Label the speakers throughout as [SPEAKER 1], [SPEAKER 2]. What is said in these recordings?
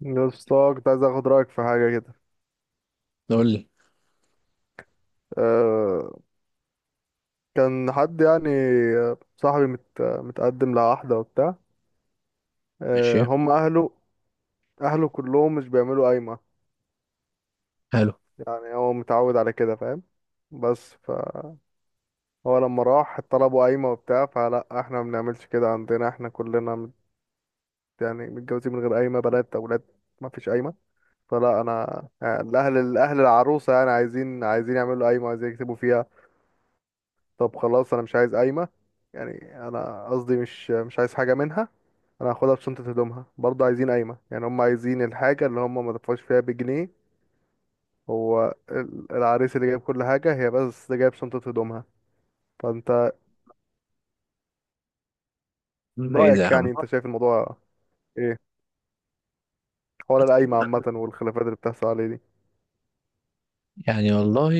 [SPEAKER 1] يا اسطى كنت عايز اخد رايك في حاجه كده.
[SPEAKER 2] نقول لي.
[SPEAKER 1] أه كان حد يعني صاحبي متقدم لواحده وبتاع.
[SPEAKER 2] ماشي.
[SPEAKER 1] هم اهله. اهله كلهم مش بيعملوا قايمه،
[SPEAKER 2] حلو.
[SPEAKER 1] يعني هو متعود على كده فاهم. بس فهو لما راح طلبوا قايمه وبتاع، فلا احنا ما بنعملش كده عندنا، احنا كلنا يعني متجوزين من غير قايمه، بنات اولاد، ما فيش قايمه. فلا انا يعني الاهل العروسه يعني عايزين يعملوا قايمه، عايزين يكتبوا فيها. طب خلاص انا مش عايز قايمة. يعني انا قصدي مش عايز حاجة منها. انا هاخدها في شنطة هدومها برضه عايزين قايمة، يعني هم عايزين الحاجة اللي هم ما دفعوش فيها بجنيه. هو العريس اللي جايب كل حاجة، هي بس جايب شنطة هدومها. فانت
[SPEAKER 2] ايه ده يا
[SPEAKER 1] رأيك،
[SPEAKER 2] عم؟
[SPEAKER 1] يعني انت شايف الموضوع ايه؟ حوار القايمة عامة، والخلافات اللي بتحصل عليه دي.
[SPEAKER 2] يعني والله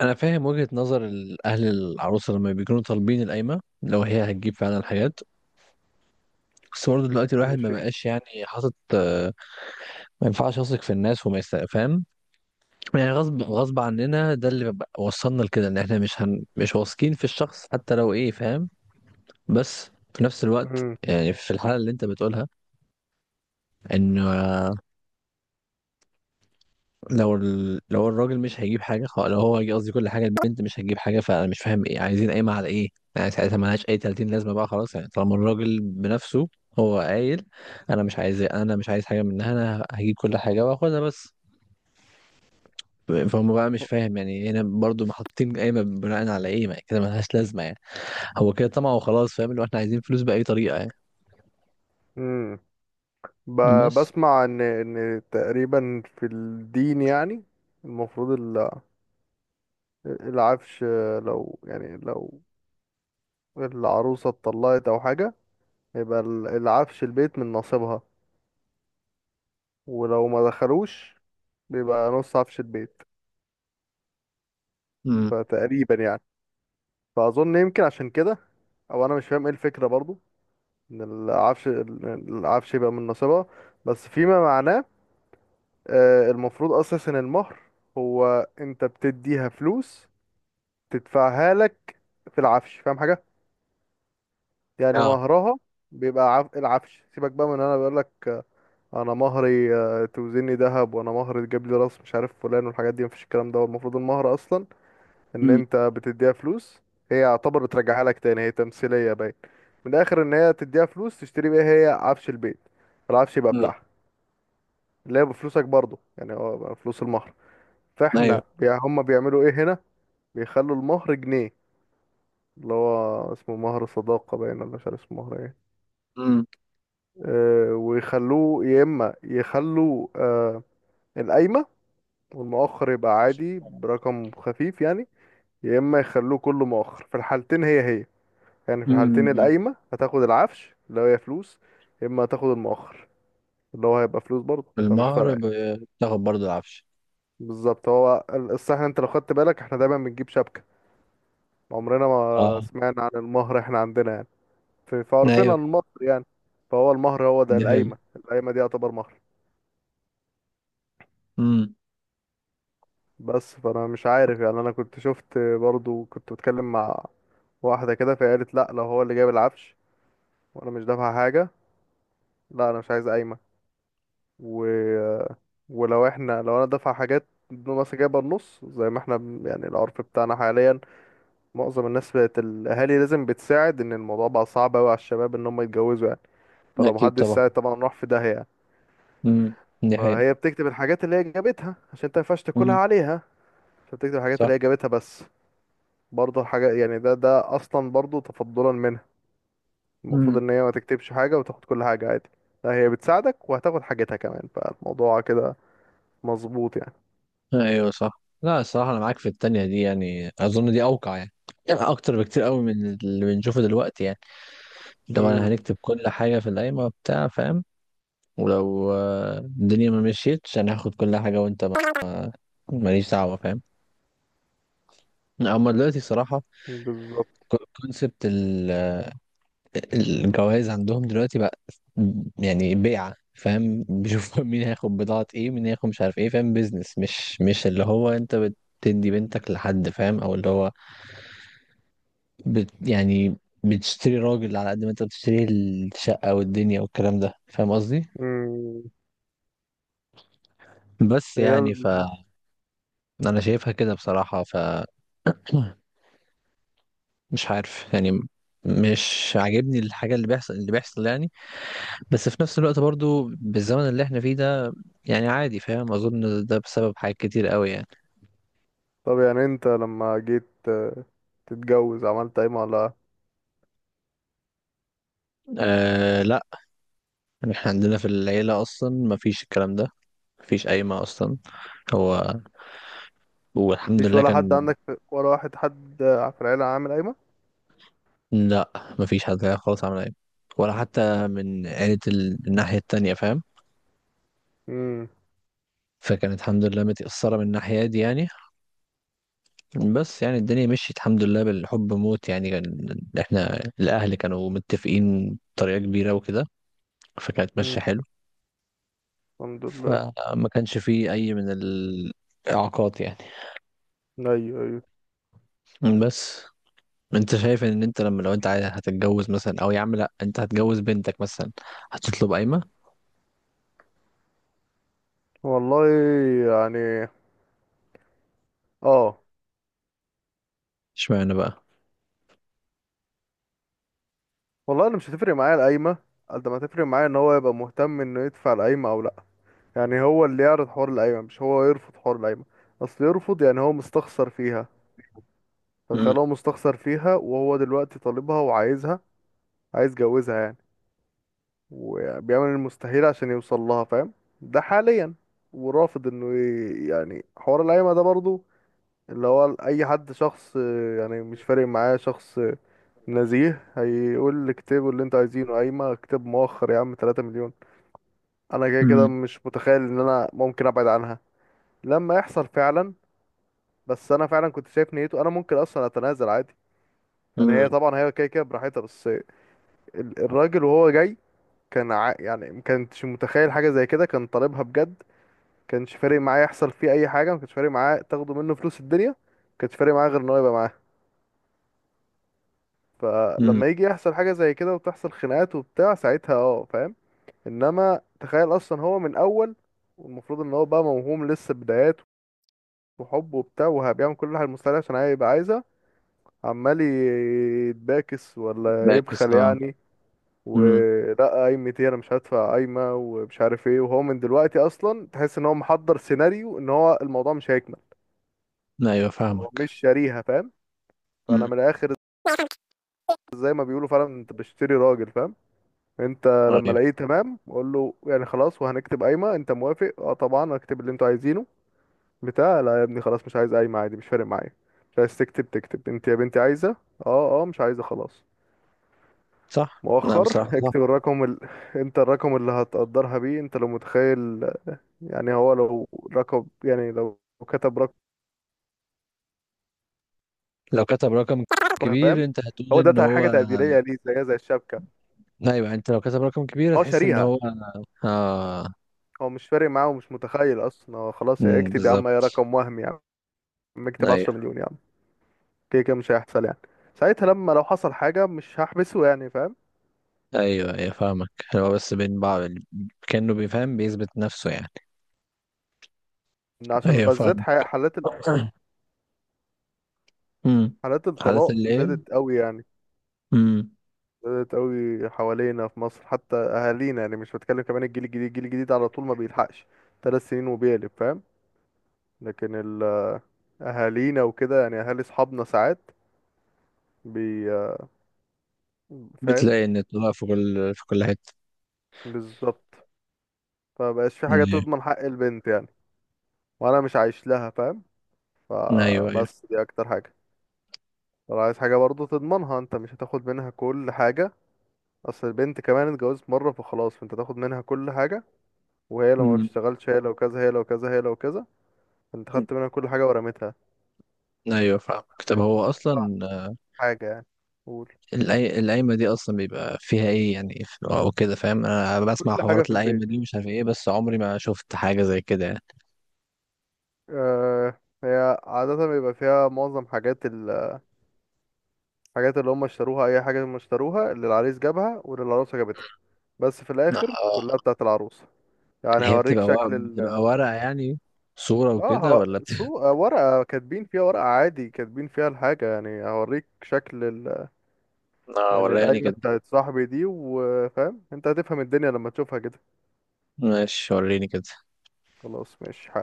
[SPEAKER 2] انا فاهم وجهة نظر اهل العروسه لما بيكونوا طالبين القايمه لو هي هتجيب فعلا الحاجات. بس برضه دلوقتي الواحد ما
[SPEAKER 1] ماشي.
[SPEAKER 2] بقاش يعني حاطط ما ينفعش يثق في الناس فاهم، يعني غصب غصب عننا، ده وصلنا لكده ان احنا مش واثقين في الشخص حتى لو ايه فاهم. بس في نفس الوقت،
[SPEAKER 1] امم.
[SPEAKER 2] يعني في الحالة اللي انت بتقولها، ان لو الراجل مش هيجيب قصدي كل حاجة البنت مش هتجيب حاجة، فأنا مش فاهم إيه، عايزين قايمة على إيه؟ يعني ساعتها ملهاش أي 30 لازمة بقى خلاص، يعني طالما الراجل بنفسه هو قايل أنا مش عايز، أنا مش عايز حاجة منها، أنا هجيب كل حاجة وآخدها بس. فهم بقى مش فاهم يعني إيه، هنا برضو محطين قايمة بناء على إيه؟ ما كده ملهاش لازمة يعني. هو كده طمع وخلاص، فاهم؟ اللي هو إحنا عايزين فلوس بأي طريقة يعني.
[SPEAKER 1] امم ب...
[SPEAKER 2] بس.
[SPEAKER 1] بسمع ان تقريبا في الدين، يعني المفروض العفش، لو يعني لو العروسة اتطلقت أو حاجة، يبقى العفش البيت من نصيبها، ولو ما دخلوش بيبقى نص عفش البيت.
[SPEAKER 2] امم.
[SPEAKER 1] فتقريبا يعني، فأظن يمكن عشان كده. أو أنا مش فاهم إيه الفكرة برضو، إن العفش العفش يبقى من نصيبها. بس فيما معناه المفروض أساسا المهر هو، أنت بتديها فلوس تدفعها لك في العفش، فاهم حاجة؟ يعني
[SPEAKER 2] اه.
[SPEAKER 1] مهرها بيبقى العفش. سيبك بقى من، أنا بقول لك انا مهري توزني ذهب، وانا مهري تجيب لي راس مش عارف فلان والحاجات دي، مفيش الكلام ده. هو المفروض المهر اصلا، ان
[SPEAKER 2] مم.
[SPEAKER 1] انت بتديها فلوس هي يعتبر بترجعها لك تاني، هي تمثيليه باين. من الاخر، ان هي تديها فلوس تشتري بيها هي عفش البيت، العفش يبقى
[SPEAKER 2] مم.
[SPEAKER 1] بتاعها، اللي هي بفلوسك برضه، يعني هو بقى فلوس المهر. فاحنا
[SPEAKER 2] أيوه.
[SPEAKER 1] هم بيعملوا ايه هنا؟ بيخلوا المهر جنيه، اللي هو اسمه مهر صداقه باين، ولا مش عارف اسمه مهر ايه.
[SPEAKER 2] مم.
[SPEAKER 1] ويخلوه، يا اما يخلوا القايمه والمؤخر يبقى عادي برقم خفيف، يعني يا اما يخلوه كله مؤخر. في الحالتين هي هي، يعني في الحالتين
[SPEAKER 2] مم.
[SPEAKER 1] القايمة هتاخد العفش اللي هي فلوس، يا اما هتاخد المؤخر اللي هو هيبقى فلوس برضه، فمش فارقة
[SPEAKER 2] المهر
[SPEAKER 1] يعني.
[SPEAKER 2] بتاخد برضو العفش.
[SPEAKER 1] بالظبط. هو الصح، انت لو خدت بالك احنا دايما بنجيب شبكة، عمرنا ما سمعنا عن المهر احنا عندنا، يعني في عرفنا
[SPEAKER 2] ايوه
[SPEAKER 1] المصري يعني. فهو المهر هو ده
[SPEAKER 2] دي حقيقة.
[SPEAKER 1] القايمة دي يعتبر مهر.
[SPEAKER 2] امم.
[SPEAKER 1] بس فانا مش عارف، يعني انا كنت شفت برضه كنت بتكلم مع واحدة كده، فقالت لا لو هو اللي جايب العفش وانا مش دافع حاجة، لا انا مش عايز قايمة. و... ولو احنا، لو انا دافع حاجات مثلا، جايبه النص زي ما احنا يعني العرف بتاعنا حاليا. معظم الناس بقت الاهالي لازم بتساعد، ان الموضوع بقى صعب قوي على الشباب ان هم يتجوزوا يعني، فلو
[SPEAKER 2] اكيد
[SPEAKER 1] محدش
[SPEAKER 2] طبعا.
[SPEAKER 1] ساعد طبعا راح في داهية يعني.
[SPEAKER 2] امم. دي حقيقة.
[SPEAKER 1] فهي بتكتب الحاجات اللي هي جابتها عشان انت مينفعش تاكلها
[SPEAKER 2] امم.
[SPEAKER 1] عليها، فبتكتب الحاجات
[SPEAKER 2] صح.
[SPEAKER 1] اللي هي جابتها بس. برضه الحاجات، يعني ده اصلا برضه تفضلا منها. المفروض
[SPEAKER 2] امم.
[SPEAKER 1] ان هي ما تكتبش حاجة وتاخد كل حاجة عادي، لا هي بتساعدك وهتاخد حاجتها كمان، فالموضوع كده مظبوط يعني.
[SPEAKER 2] ايوه صح. لا الصراحة انا معاك في التانية دي، يعني اظن دي اوقع يعني، يعني اكتر بكتير قوي من اللي بنشوفه دلوقتي يعني. لو انا
[SPEAKER 1] امم.
[SPEAKER 2] هنكتب كل حاجة في القايمة بتاع فاهم، ولو الدنيا ما مشيتش انا هاخد كل حاجة وانت ما- ماليش دعوة فاهم. اما دلوقتي صراحة
[SPEAKER 1] بالظبط.
[SPEAKER 2] كونسبت الجواز عندهم دلوقتي بقى يعني بيعة، فاهم؟ بيشوفوا مين هياخد بضاعة ايه، مين هياخد مش عارف ايه، فاهم؟ بيزنس، مش اللي هو انت بتدي بنتك لحد فاهم، او اللي هو بت يعني بتشتري راجل على قد ما انت بتشتري الشقة والدنيا والكلام ده، فاهم قصدي؟
[SPEAKER 1] امم.
[SPEAKER 2] بس
[SPEAKER 1] هي
[SPEAKER 2] يعني ف، انا شايفها كده بصراحة ف مش عارف يعني، مش عاجبني الحاجة اللي بيحصل اللي بيحصل يعني. بس في نفس الوقت برضو بالزمن اللي احنا فيه ده يعني عادي فاهم، اظن ده بسبب حاجات كتير قوي يعني.
[SPEAKER 1] طب يعني انت لما جيت تتجوز عملت قايمة ولا؟
[SPEAKER 2] آه لا، احنا عندنا في العيلة اصلا ما فيش الكلام ده، ما فيش قايمة اصلا. هو والحمد
[SPEAKER 1] مفيش
[SPEAKER 2] لله
[SPEAKER 1] ولا حد
[SPEAKER 2] كان.
[SPEAKER 1] عندك ولا واحد حد في العيلة عامل قايمة؟
[SPEAKER 2] لا ما فيش حد كده خالص عمل قايمة، ولا حتى من عيلة الناحية التانية فاهم.
[SPEAKER 1] امم.
[SPEAKER 2] فكانت الحمد لله متأثرة من الناحية دي يعني. بس يعني الدنيا مشيت الحمد لله بالحب موت يعني، كان احنا الاهل كانوا متفقين بطريقة كبيرة وكده، فكانت
[SPEAKER 1] امم.
[SPEAKER 2] ماشية حلو.
[SPEAKER 1] الحمد لله.
[SPEAKER 2] فما كانش فيه اي من الاعاقات يعني.
[SPEAKER 1] ايوه، ايوه.
[SPEAKER 2] بس انت شايف ان انت لما لو انت عايز هتتجوز مثلا، او يا عم لا انت هتجوز بنتك مثلا، هتطلب قايمة؟
[SPEAKER 1] والله يعني، اه
[SPEAKER 2] اشمعنى بقى؟
[SPEAKER 1] والله انا مش هتفرق معايا القايمة، قد ما هتفرق معايا ان هو يبقى مهتم انه يدفع القايمة او لا. يعني هو اللي يعرض حوار القايمة مش هو يرفض حوار القايمة، اصل يرفض يعني هو مستخسر فيها.
[SPEAKER 2] امم.
[SPEAKER 1] فتخيل هو مستخسر فيها وهو دلوقتي طالبها وعايزها، عايز يجوزها يعني، وبيعمل المستحيل عشان يوصل لها فاهم. ده حاليا ورافض انه يعني حوار القايمة ده برضو. اللي هو اي حد شخص يعني مش فارق معاه شخص نزيه هيقول لك اكتبوا اللي انتوا عايزينه قايمة، اكتب مؤخر يا عم 3 مليون. انا كده كده
[SPEAKER 2] امم.
[SPEAKER 1] مش متخيل ان انا ممكن ابعد عنها لما يحصل فعلا. بس انا فعلا كنت شايف نيته انا ممكن اصلا اتنازل عادي. يعني هي
[SPEAKER 2] امم.
[SPEAKER 1] طبعا هي كده كده براحتها، بس الراجل وهو جاي كان يعني ما كانتش متخيل حاجة زي كده، كان طالبها بجد. كانش فارق معاه يحصل فيه أي حاجة، ما كانش فارق معاه تاخدوا منه فلوس الدنيا، ما كانش فارق معاه غير إن هو يبقى معاه.
[SPEAKER 2] امم.
[SPEAKER 1] فلما يجي يحصل حاجة زي كده وتحصل خناقات وبتاع ساعتها، اه فاهم. إنما تخيل أصلا هو من أول، والمفروض إن هو بقى موهوم لسه بدايات وحب وبتاع، وهبيعمل كل حاجة المستحيل عشان هي يبقى عايزها، عمال يتباكس ولا
[SPEAKER 2] باكس
[SPEAKER 1] يبخل
[SPEAKER 2] اه.
[SPEAKER 1] يعني،
[SPEAKER 2] امم.
[SPEAKER 1] ولا قايمة ايه، انا مش هدفع قايمة ومش عارف ايه. وهو من دلوقتي اصلا تحس ان هو محضر سيناريو ان هو الموضوع مش هيكمل،
[SPEAKER 2] ايوه
[SPEAKER 1] هو مش
[SPEAKER 2] فاهمك.
[SPEAKER 1] شاريها فاهم. فانا
[SPEAKER 2] امم.
[SPEAKER 1] من الاخر زي ما بيقولوا فعلا انت بشتري راجل فاهم. انت لما
[SPEAKER 2] ايوه
[SPEAKER 1] الاقيه تمام قول له يعني خلاص وهنكتب قايمة، انت موافق؟ اه طبعا هكتب اللي انتوا عايزينه بتاع لا يا ابني خلاص مش عايز قايمة عادي مش فارق معايا، مش عايز تكتب، تكتب انت يا بنتي عايزة. اه، اه مش عايزة خلاص.
[SPEAKER 2] صح. لا
[SPEAKER 1] مؤخر
[SPEAKER 2] بصراحة
[SPEAKER 1] اكتب
[SPEAKER 2] صح.
[SPEAKER 1] الرقم انت الرقم اللي هتقدرها بيه انت لو متخيل. يعني هو لو رقم، يعني لو كتب رقم
[SPEAKER 2] لو كتب رقم
[SPEAKER 1] فاهم،
[SPEAKER 2] كبير انت هتقول
[SPEAKER 1] هو
[SPEAKER 2] ان
[SPEAKER 1] ده حاجة
[SPEAKER 2] هو.
[SPEAKER 1] تقديرية ليه زيها زي الشبكة.
[SPEAKER 2] ايوه انت لو كتب رقم كبير
[SPEAKER 1] هو
[SPEAKER 2] هتحس ان
[SPEAKER 1] شاريها،
[SPEAKER 2] هو. اه.
[SPEAKER 1] هو مش فارق معاه ومش متخيل أصلا، هو خلاص يا اكتب يا عم يا
[SPEAKER 2] بالظبط.
[SPEAKER 1] رقم وهمي، يا عم اكتب عشرة
[SPEAKER 2] ايوه.
[SPEAKER 1] مليون يا عم. كده كده مش هيحصل يعني، ساعتها لما لو حصل حاجة مش هحبسه يعني فاهم.
[SPEAKER 2] ايوه. ايوه فاهمك. هو بس بين بعض كأنه بيفهم بيثبت نفسه يعني.
[SPEAKER 1] إن عشان
[SPEAKER 2] ايوه
[SPEAKER 1] بالذات
[SPEAKER 2] فاهم.
[SPEAKER 1] حالات
[SPEAKER 2] امم.
[SPEAKER 1] حالات
[SPEAKER 2] حالات
[SPEAKER 1] الطلاق
[SPEAKER 2] اللي ايه؟
[SPEAKER 1] زادت قوي يعني،
[SPEAKER 2] امم.
[SPEAKER 1] زادت قوي حوالينا في مصر حتى أهالينا، يعني مش بتكلم. كمان الجيل الجديد على طول ما بيلحقش 3 سنين وبيقلب فاهم. لكن اهالينا وكده، يعني اهالي اصحابنا ساعات بي فاهم.
[SPEAKER 2] بتلاقي ان طلع في كل حتة.
[SPEAKER 1] بالظبط. فمبقاش في حاجه
[SPEAKER 2] أمم.
[SPEAKER 1] تضمن حق البنت يعني، وانا مش عايش لها فاهم.
[SPEAKER 2] ايوه. ايوه.
[SPEAKER 1] فبس دي اكتر حاجه. لو عايز حاجه برضو تضمنها، انت مش هتاخد منها كل حاجه. اصل البنت كمان اتجوزت مره فخلاص، فانت تاخد منها كل حاجه. وهي لو ما
[SPEAKER 2] امم.
[SPEAKER 1] اشتغلتش، هي لو كذا، هي لو كذا، هي لو كذا، انت خدت منها كل حاجه ورميتها.
[SPEAKER 2] ايوه فاهمك. طب
[SPEAKER 1] انت
[SPEAKER 2] هو
[SPEAKER 1] تطلع
[SPEAKER 2] اصلا
[SPEAKER 1] حاجه يعني، قول.
[SPEAKER 2] القايمة دي اصلا بيبقى فيها ايه يعني او كده فاهم؟ انا بسمع
[SPEAKER 1] كل حاجه
[SPEAKER 2] حوارات
[SPEAKER 1] في
[SPEAKER 2] القايمة
[SPEAKER 1] البيت.
[SPEAKER 2] دي مش عارف ايه، بس عمري ما شفت حاجة زي كده يعني.
[SPEAKER 1] هي عادة بيبقى فيها معظم حاجات، الحاجات اللي هم اشتروها، اي حاجه هم اشتروها، اللي العريس جابها واللي العروسه جابتها، بس في الاخر
[SPEAKER 2] آه.
[SPEAKER 1] كلها بتاعه العروسه. يعني
[SPEAKER 2] هي
[SPEAKER 1] هوريك
[SPEAKER 2] بتبقى ورق،
[SPEAKER 1] شكل ال
[SPEAKER 2] بتبقى ورقة يعني، صورة
[SPEAKER 1] اه
[SPEAKER 2] وكده ولا
[SPEAKER 1] ه- سو آه، ورقه كاتبين فيها، ورقه عادي كاتبين فيها الحاجه، يعني هوريك شكل
[SPEAKER 2] آه
[SPEAKER 1] يعني
[SPEAKER 2] ولا يعني
[SPEAKER 1] القايمه
[SPEAKER 2] كده.
[SPEAKER 1] بتاعت صاحبي دي، وفاهم انت هتفهم الدنيا لما تشوفها كده.
[SPEAKER 2] ماشي وريني كده.
[SPEAKER 1] خلاص ماشي